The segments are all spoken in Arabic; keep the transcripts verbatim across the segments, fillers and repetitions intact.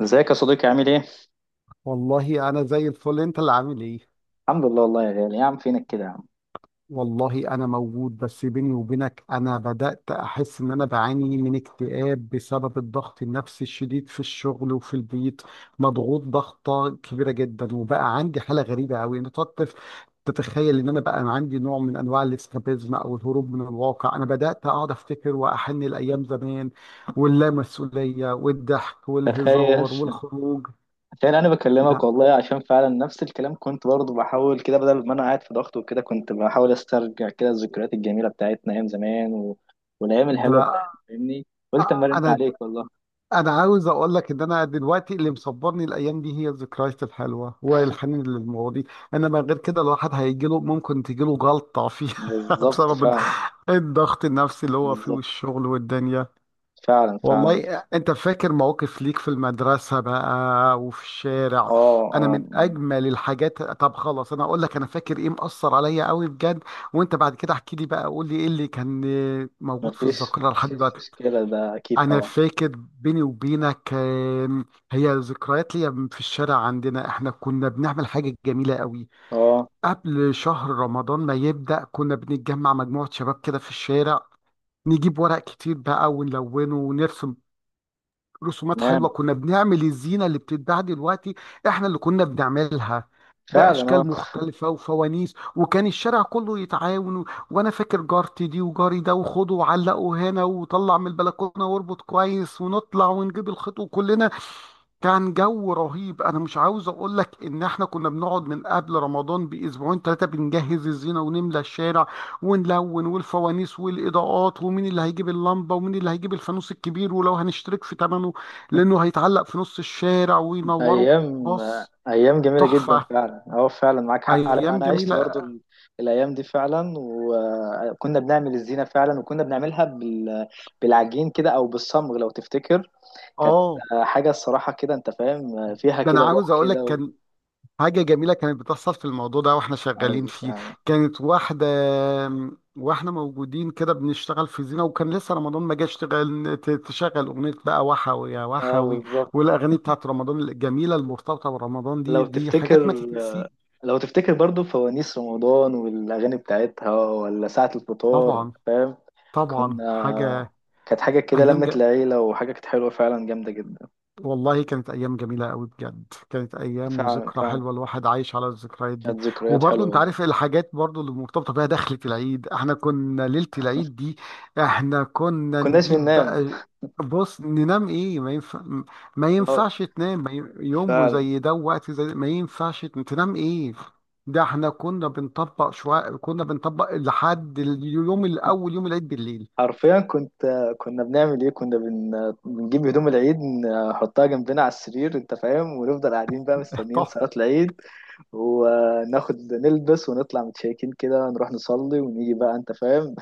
ازيك يا صديقي، عامل ايه؟ والله انا زي الفل، انت اللي عامل ايه؟ الحمد لله والله يا غالي، يا عم فينك كده يا عم. والله انا موجود، بس بيني وبينك انا بدأت احس ان انا بعاني من اكتئاب بسبب الضغط النفسي الشديد في الشغل وفي البيت. مضغوط ضغطة كبيرة جدا، وبقى عندي حالة غريبة قوي. انا تقدر تتخيل ان انا بقى عندي نوع من انواع الاسكابيزم او الهروب من الواقع؟ انا بدأت اقعد افتكر واحن الايام زمان واللامسؤولية والضحك تخيل والهزار والخروج. تخيل انا بكلمك لا، والله، عشان فعلا نفس الكلام، كنت برضه بحاول كده. بدل ما انا قاعد في ضغط وكده، كنت بحاول استرجع كده الذكريات الجميلة بتاعتنا ايام زمان و... والايام ده الحلوة بتاعتنا. فاهمني؟ قلت اما ارن انا عليك والله. انا عاوز اقول لك ان انا دلوقتي اللي مصبرني الايام دي هي الذكريات الحلوه والحنين للماضي. انما غير كده الواحد هيجي له، ممكن تجي له جلطه فيها بالظبط بسبب فعلا. الضغط النفسي اللي هو فيه بالظبط والشغل والدنيا. فعلا. والله فعلا. انت فاكر مواقف ليك في المدرسه بقى وفي الشارع؟ اه، انا اه. من اجمل الحاجات. طب خلاص، انا اقول لك انا فاكر ايه مأثر عليا قوي بجد، وانت بعد كده احكي لي بقى، قول لي ايه اللي كان موجود في مفيش الذاكره لحد مفيش دلوقتي. مشكلة، ده اكيد انا طبعا. فاكر، بيني وبينك، كان هي ذكريات ليا في الشارع عندنا. احنا كنا بنعمل حاجه جميله قوي اه، قبل شهر رمضان ما يبدا. كنا بنتجمع مجموعه شباب كده في الشارع، نجيب ورق كتير بقى ونلونه ونرسم رسومات تمام. حلوه. كنا بنعمل الزينه اللي بتتباع دلوقتي، احنا اللي كنا بنعملها، فعلا، اه. باشكال مختلفه وفوانيس، وكان الشارع كله يتعاون و- وانا فاكر جارتي دي وجاري ده وخده وعلقه هنا وطلع من البلكونه واربط كويس ونطلع ونجيب الخيط وكلنا كان جو رهيب. انا مش عاوز اقول لك ان احنا كنا بنقعد من قبل رمضان باسبوعين ثلاثه بنجهز الزينه ونملى الشارع ونلون، والفوانيس والاضاءات ومين اللي هيجيب اللمبه ومين اللي هيجيب الفانوس الكبير ولو هنشترك في ثمنه لانه هيتعلق في نص الشارع وينوره. ايام بص، ايام جميله جدا، تحفه، فعلا. اه، فعلا معاك حق، على ايام انا عشت برضو جميله. ال- الايام دي فعلا. وكنا بنعمل الزينه فعلا، وكنا بنعملها بال... بالعجين كده او بالصمغ لو تفتكر. كانت اه، آه، حاجه الصراحه كده، انت فاهم، آه، فيها ده انا كده عاوز روح اقول لك كده و... كان حاجة جميلة كانت بتحصل في الموضوع ده واحنا شغالين ايوه فيه. فعلا، كانت واحدة واحنا موجودين كده بنشتغل في زينة، وكان لسه رمضان ما جاش، تغل- ت- تشغل أغنية بقى وحوي يا اه وحوي. بالظبط. والأغاني بتاعت رمضان الجميلة المرتبطة برمضان، دي لو دي حاجات تفتكر ما تتنسيش. لو تفتكر برضو فوانيس رمضان والاغاني بتاعتها، ولا ساعه الفطار. أنت طبعا، فاهم؟ طبعا. كنا حاجة كانت حاجه كده أيام، لمت العيله، وحاجه كانت حلوه فعلا، جامده جدا. والله كانت أيام جميلة أوي بجد. كانت أيام فعلا وذكرى فعلا. حلوة، الواحد عايش على الذكريات دي. كانت ذكريات وبرضه حلوة أنت والله. عارف الحاجات برضه اللي مرتبطة بيها دخلة العيد. احنا كنا ليلة العيد دي احنا كنا كناش نجيب بننام؟ بقى. بص، ننام ايه، ما ينفع. ما اه ينفعش تنام، ما ي- يوم فعلا. زي ده ووقت زي ده ما ينفعش تن- تنام ايه. ده احنا كنا بنطبق شوية، كنا بنطبق لحد اليوم الأول، يوم العيد بالليل. حرفيا كنت كنا بنعمل ايه؟ كنا بن... بنجيب هدوم العيد نحطها جنبنا على السرير، انت فاهم، ونفضل قاعدين بقى مستنيين طب، صلاة العيد. وناخد نلبس ونطلع متشيكين كده، نروح نصلي ونيجي بقى، انت فاهم،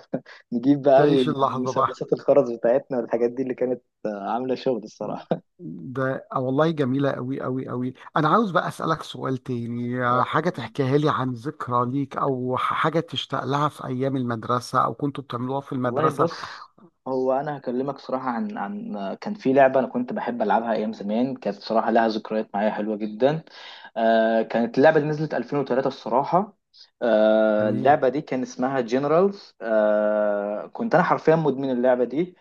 نجيب بقى تعيش اللحظة بقى. المسدسات الخرز بتاعتنا والحاجات دي اللي كانت عاملة شغل الصراحة. ده آه والله، جميلة أوي أوي أوي. أنا عاوز بقى أسألك سؤال تاني، آه، اه حاجة تحكيها لي عن ذكرى ليك، أو ح- حاجة تشتاق لها في أيام المدرسة، أو كنتوا بتعملوها في والله، المدرسة. بص. هو انا هكلمك صراحه عن عن كان في لعبه انا كنت بحب العبها ايام زمان، كانت صراحه لها ذكريات معايا حلوه جدا. آه، كانت اللعبه اللي نزلت ألفين وثلاثة الصراحه. آه، تمام، اللعبه دي كان اسمها جنرالز. آه، كنت انا حرفيا مدمن اللعبه دي.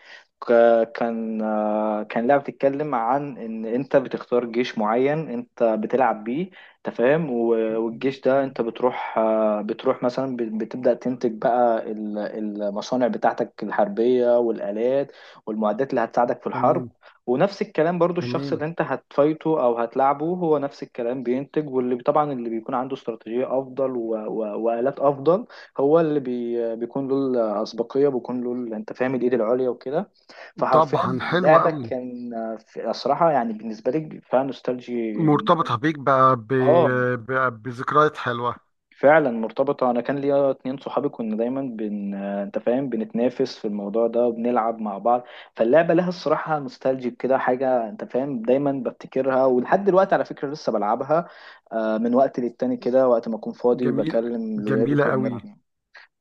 ك- كان آه كان لعبه بتتكلم عن ان انت بتختار جيش معين انت بتلعب بيه، انت فاهم. و- والجيش ده انت بتروح بتروح مثلا بت- بتبدأ تنتج بقى ال- المصانع بتاعتك الحربية والآلات والمعدات اللي هتساعدك في الحرب. تمام، ونفس الكلام برضو، الشخص تمام. اللي انت هتفايته او هتلاعبه هو نفس الكلام بينتج. واللي طبعا اللي بيكون عنده استراتيجية افضل و... و... وآلات افضل، هو اللي بي... بيكون له الاسبقية، بيكون له ال- انت فاهم الايد العليا وكده. فحرفيا طبعا، حلوة لعبك أوي. كان في الصراحة يعني بالنسبة لي فيها نوستالجي. مرتبطة بيك ب... ب... اه ب... بذكريات حلوة. فعلا مرتبطة. أنا كان ليا اتنين صحابي، كنا دايما بن آه، أنت فاهم بنتنافس في الموضوع ده وبنلعب مع بعض. فاللعبة لها الصراحة نوستالجيك كده حاجة، أنت فاهم، دايما بفتكرها. ولحد دلوقتي على فكرة لسه بلعبها، آه، من وقت للتاني كده، وقت ما أكون فاضي جميل، بكلم الولاد جميلة وكده بنلعب أوي. يعني.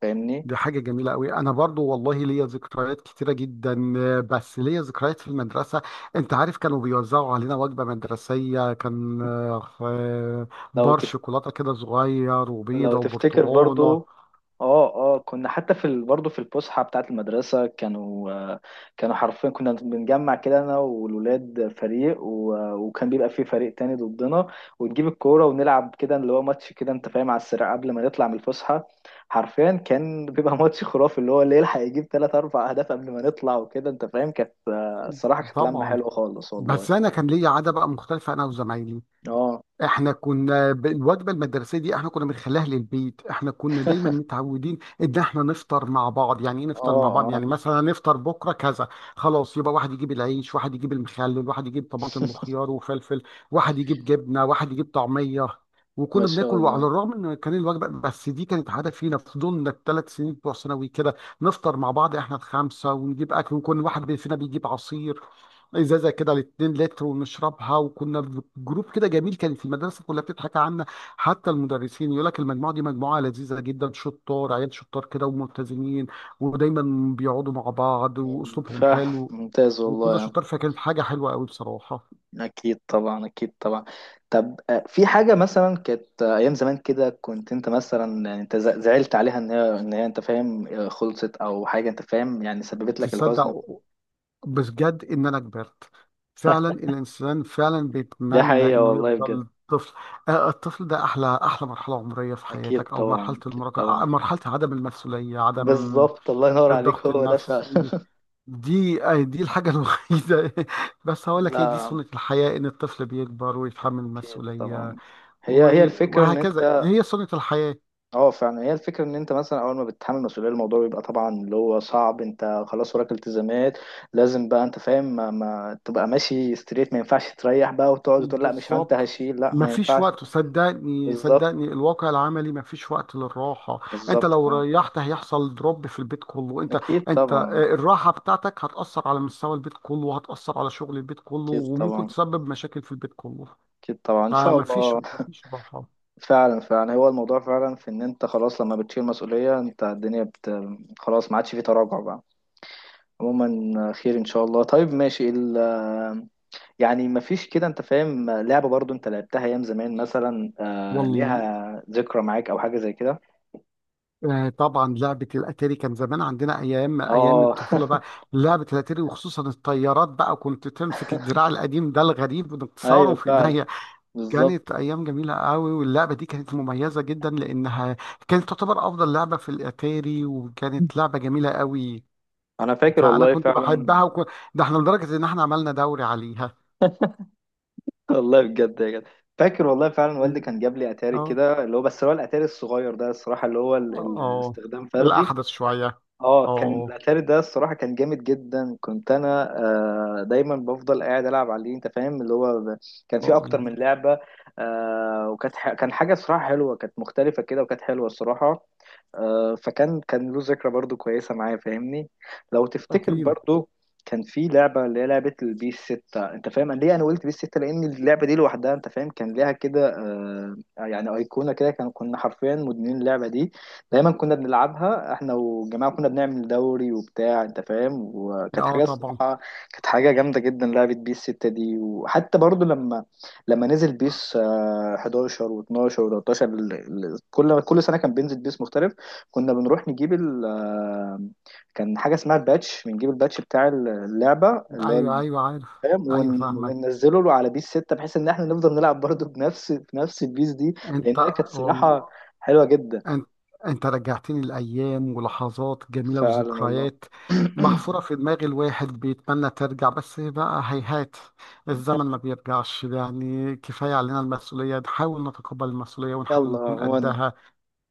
فاهمني؟ دي حاجة جميلة قوي. أنا برضو والله ليا ذكريات كتيرة جدا، آه، بس ليا ذكريات في المدرسة. أنت عارف كانوا بيوزعوا علينا وجبة مدرسية، كان آه، آه، لو بار تف... شوكولاتة كده صغير، لو وبيضة، تفتكر وبرتقانة. برضو. اه اه، كنا حتى في ال... برضه في الفسحه بتاعه المدرسه كانوا آه، كانوا حرفيا، كنا بنجمع كده انا والولاد فريق و... آه، وكان بيبقى فيه فريق تاني ضدنا، ونجيب الكوره ونلعب كده، اللي هو ماتش كده انت فاهم، على السريع قبل ما نطلع من الفسحه. حرفيا كان بيبقى ماتش خرافي، اللي هو اللي يلحق يجيب ثلاث اربع اهداف قبل ما نطلع وكده، انت فاهم. كانت آه، الصراحه كانت لمه طبعا. حلوه خالص بس والله. أنا كان ليا عادة بقى مختلفة، أنا وزمايلي. اه، احنا كنا ب- الوجبه المدرسيه دي احنا كنا بنخليها للبيت. احنا كنا دايما متعودين ان احنا نفطر مع بعض، يعني ايه اه، نفطر مع بعض؟ يعني اه. مثلا نفطر بكره كذا، خلاص يبقى واحد يجيب العيش، واحد يجيب المخلل، واحد يجيب طماطم وخيار وفلفل، واحد يجيب جبنه، واحد يجيب طعميه. ما وكنا شاء بناكل. وعلى الله. الرغم ان كان الوجبه بس، دي كانت عاده فينا، فضلنا الثلاث سنين بتوع ثانوي كده نفطر مع بعض احنا الخمسه، ونجيب اكل، وكل واحد فينا بيجيب عصير، ازازه كده لاتنين لتر، ونشربها. وكنا في جروب كده جميل، كان في المدرسه كلها بتضحك عنا، حتى المدرسين يقول لك المجموعه دي مجموعه لذيذه جدا، شطار عيال، شطار كده وملتزمين، ودايما بيقعدوا مع بعض، ف واسلوبهم حلو. ممتاز وكنا والله. شطار، فكانت حاجه حلوه قوي بصراحه. أكيد طبعا، أكيد طبعا. طب آه، في حاجة مثلا كانت آه، أيام زمان كده، كنت أنت مثلا يعني أنت ز- زعلت عليها إن هي إن هي أنت فاهم آه، خلصت أو حاجة أنت فاهم، يعني سببت لك الحزن. تصدق، بجد ان انا كبرت؟ فعلا، الانسان فعلا ده بيتمنى حقيقة انه والله بجد. يفضل طفل. آه، الطفل ده احلى احلى مرحله عمريه في أكيد حياتك، او طبعا، مرحله أكيد المراهقه، طبعا. آه، مرحله عدم المسؤوليه، عدم بالظبط، الله ينور عليك، الضغط هو ده فعلا. النفسي. دي آه، دي الحاجة الوحيدة. بس هقول لك هي دي لا، سنة الحياة، إن الطفل بيكبر ويتحمل أكيد مسؤولية طبعا، هي هي و- الفكرة إن وهكذا أنت... هي سنة الحياة. اه فعلا، هي الفكرة ان انت مثلا، اول ما بتتحمل مسؤولية الموضوع بيبقى طبعا اللي هو صعب، انت خلاص وراك التزامات. لازم بقى، انت فاهم، ما, ما تبقى ماشي ستريت، ما ينفعش تريح بقى وتقعد تقول لا مش انت بالظبط، هشيل. لا ما مفيش ينفعش. وقت، صدقني، بالظبط. صدقني، الواقع العملي مفيش وقت للراحة. انت بالظبط لو فعلا. ريحت هيحصل دروب في البيت كله. انت اكيد انت طبعا، آه، الراحة بتاعتك هتأثر على مستوى البيت كله، وهتأثر على شغل البيت كله، اكيد وممكن طبعا، تسبب مشاكل في البيت كله. اكيد طبعا، ان شاء فمفيش، الله. مفيش راحة. فعلا، فعلا، هو الموضوع فعلا في ان انت خلاص لما بتشيل مسؤولية انت الدنيا بت... خلاص ما عادش في تراجع بقى. عموما خير ان شاء الله. طيب ماشي ال... يعني مفيش كده انت فاهم لعبة برضو انت لعبتها ايام زمان مثلا، آه، والله ليها ذكرى معاك او حاجة زي كده؟ آه، طبعا لعبة الأتاري كان زمان عندنا، أيام أيام اه. الطفولة بقى. لعبة الأتاري، وخصوصا الطيارات بقى، كنت تمسك الدراع القديم ده الغريب وتكسره ايوه في فعلا. إيديا. بالظبط. كانت أيام جميلة قوي، واللعبة دي كانت مميزة جدا لأنها كانت تعتبر أفضل لعبة في الأتاري، وكانت لعبة جميلة قوي. انا فاكر فأنا والله كنت فعلا. بحبها وكو... ده احنا لدرجة إن احنا عملنا دوري عليها. والله بجد يا جدع. فاكر والله فعلا، والدي كان جاب لي اتاري اه، كده، اللي هو بس هو الاتاري الصغير ده الصراحة، اللي هو ال- اه، آه. الاستخدام فردي. الأحدث شوية. اه، كان اه، الاتاري ده الصراحه كان جامد جدا. كنت انا آه دايما بفضل قاعد العب عليه، انت فاهم، اللي هو ب... كان فيه آه، اكتر من لعبه. آه، وكانت ح... كان حاجه صراحه حلوه، كانت مختلفه كده وكانت حلوه الصراحه. آه فكان كان له ذكرى برضو كويسه معايا، فاهمني؟ لو تفتكر أكيد. برضو كان في لعبه اللي هي لعبه البيس ستة. انت فاهم أنا ليه انا قلت بيس ستة؟ لان اللعبه دي لوحدها انت فاهم كان ليها كده آه يعني ايقونه كده، كان كنا حرفيا مدمنين اللعبه دي. دايما كنا بنلعبها احنا والجماعه، كنا بنعمل دوري وبتاع انت فاهم. وكانت اه، حاجه طبعا. الصراحه، كانت حاجه جامده جدا لعبه بيس ستة دي. وحتى برضو لما لما نزل بيس آه، حداشر و12 و13، ال- ال- كل كل سنه كان بينزل بيس مختلف. كنا بنروح نجيب ال آه، كان حاجه اسمها الباتش، بنجيب الباتش بتاع اللعبه اللي هو ايوه، ال- ايوه، عارف. فاهم ايوه، ون- فاهمك. وننزله له على بيس ستة، بحيث ان احنا نفضل نلعب برضو بنفس بنفس البيس دي، انت، لانها كانت صراحه والله حلوه جدا. انت انت رجعتني لايام ولحظات جميله فعلا والله. وذكريات محفوره في دماغ الواحد، بيتمنى ترجع، بس بقى هيهات، الزمن ما بيرجعش، يعني كفايه علينا المسؤوليه، نحاول نتقبل المسؤوليه ونحاول يلا نكون عموما، قدها.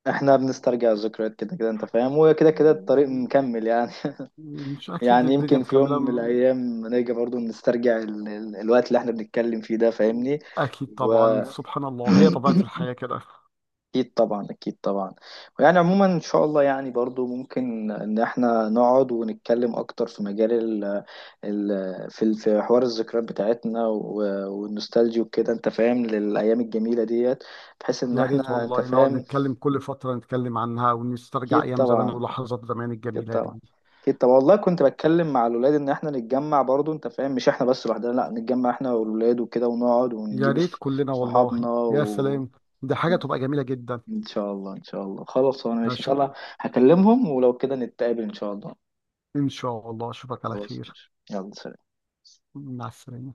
احنا بنسترجع الذكريات كده كده انت فاهم، وكده كده الطريق مكمل يعني. مش اكيد يعني الدنيا يمكن في يوم مكمله من م- الايام نيجي برضو نسترجع ال... ال... الوقت اللي احنا بنتكلم فيه ده، فاهمني؟ اكيد و طبعا، سبحان الله، هي طبيعه الحياه كده. اكيد طبعا، اكيد طبعا. ويعني عموما ان شاء الله، يعني برضو ممكن ان احنا نقعد ونتكلم اكتر في مجال ال ال في ال- في حوار الذكريات بتاعتنا و- والنوستالجي وكده، انت فاهم، للايام الجميله ديت، بحيث ان يا ريت احنا انت والله نقعد فاهم. نتكلم كل فترة، نتكلم عنها ونسترجع اكيد أيام زمان طبعا، ولحظات زمان اكيد الجميلة طبعا، دي. اكيد طبعا والله. كنت بتكلم مع الولاد ان احنا نتجمع برضو انت فاهم، مش احنا بس لوحدنا، لا نتجمع احنا والولاد وكده، ونقعد يا ونجيب ريت ص- كلنا والله، صحابنا يا و... سلام، دي حاجة تبقى جميلة جدا. ان شاء الله، ان شاء الله. خلاص انا ماشي ان شاء الله، أشو... هكلمهم ولو كده نتقابل ان شاء الله. إن شاء الله، أشوفك على خلاص خير. ماشي، يلا سلام. مع السلامة.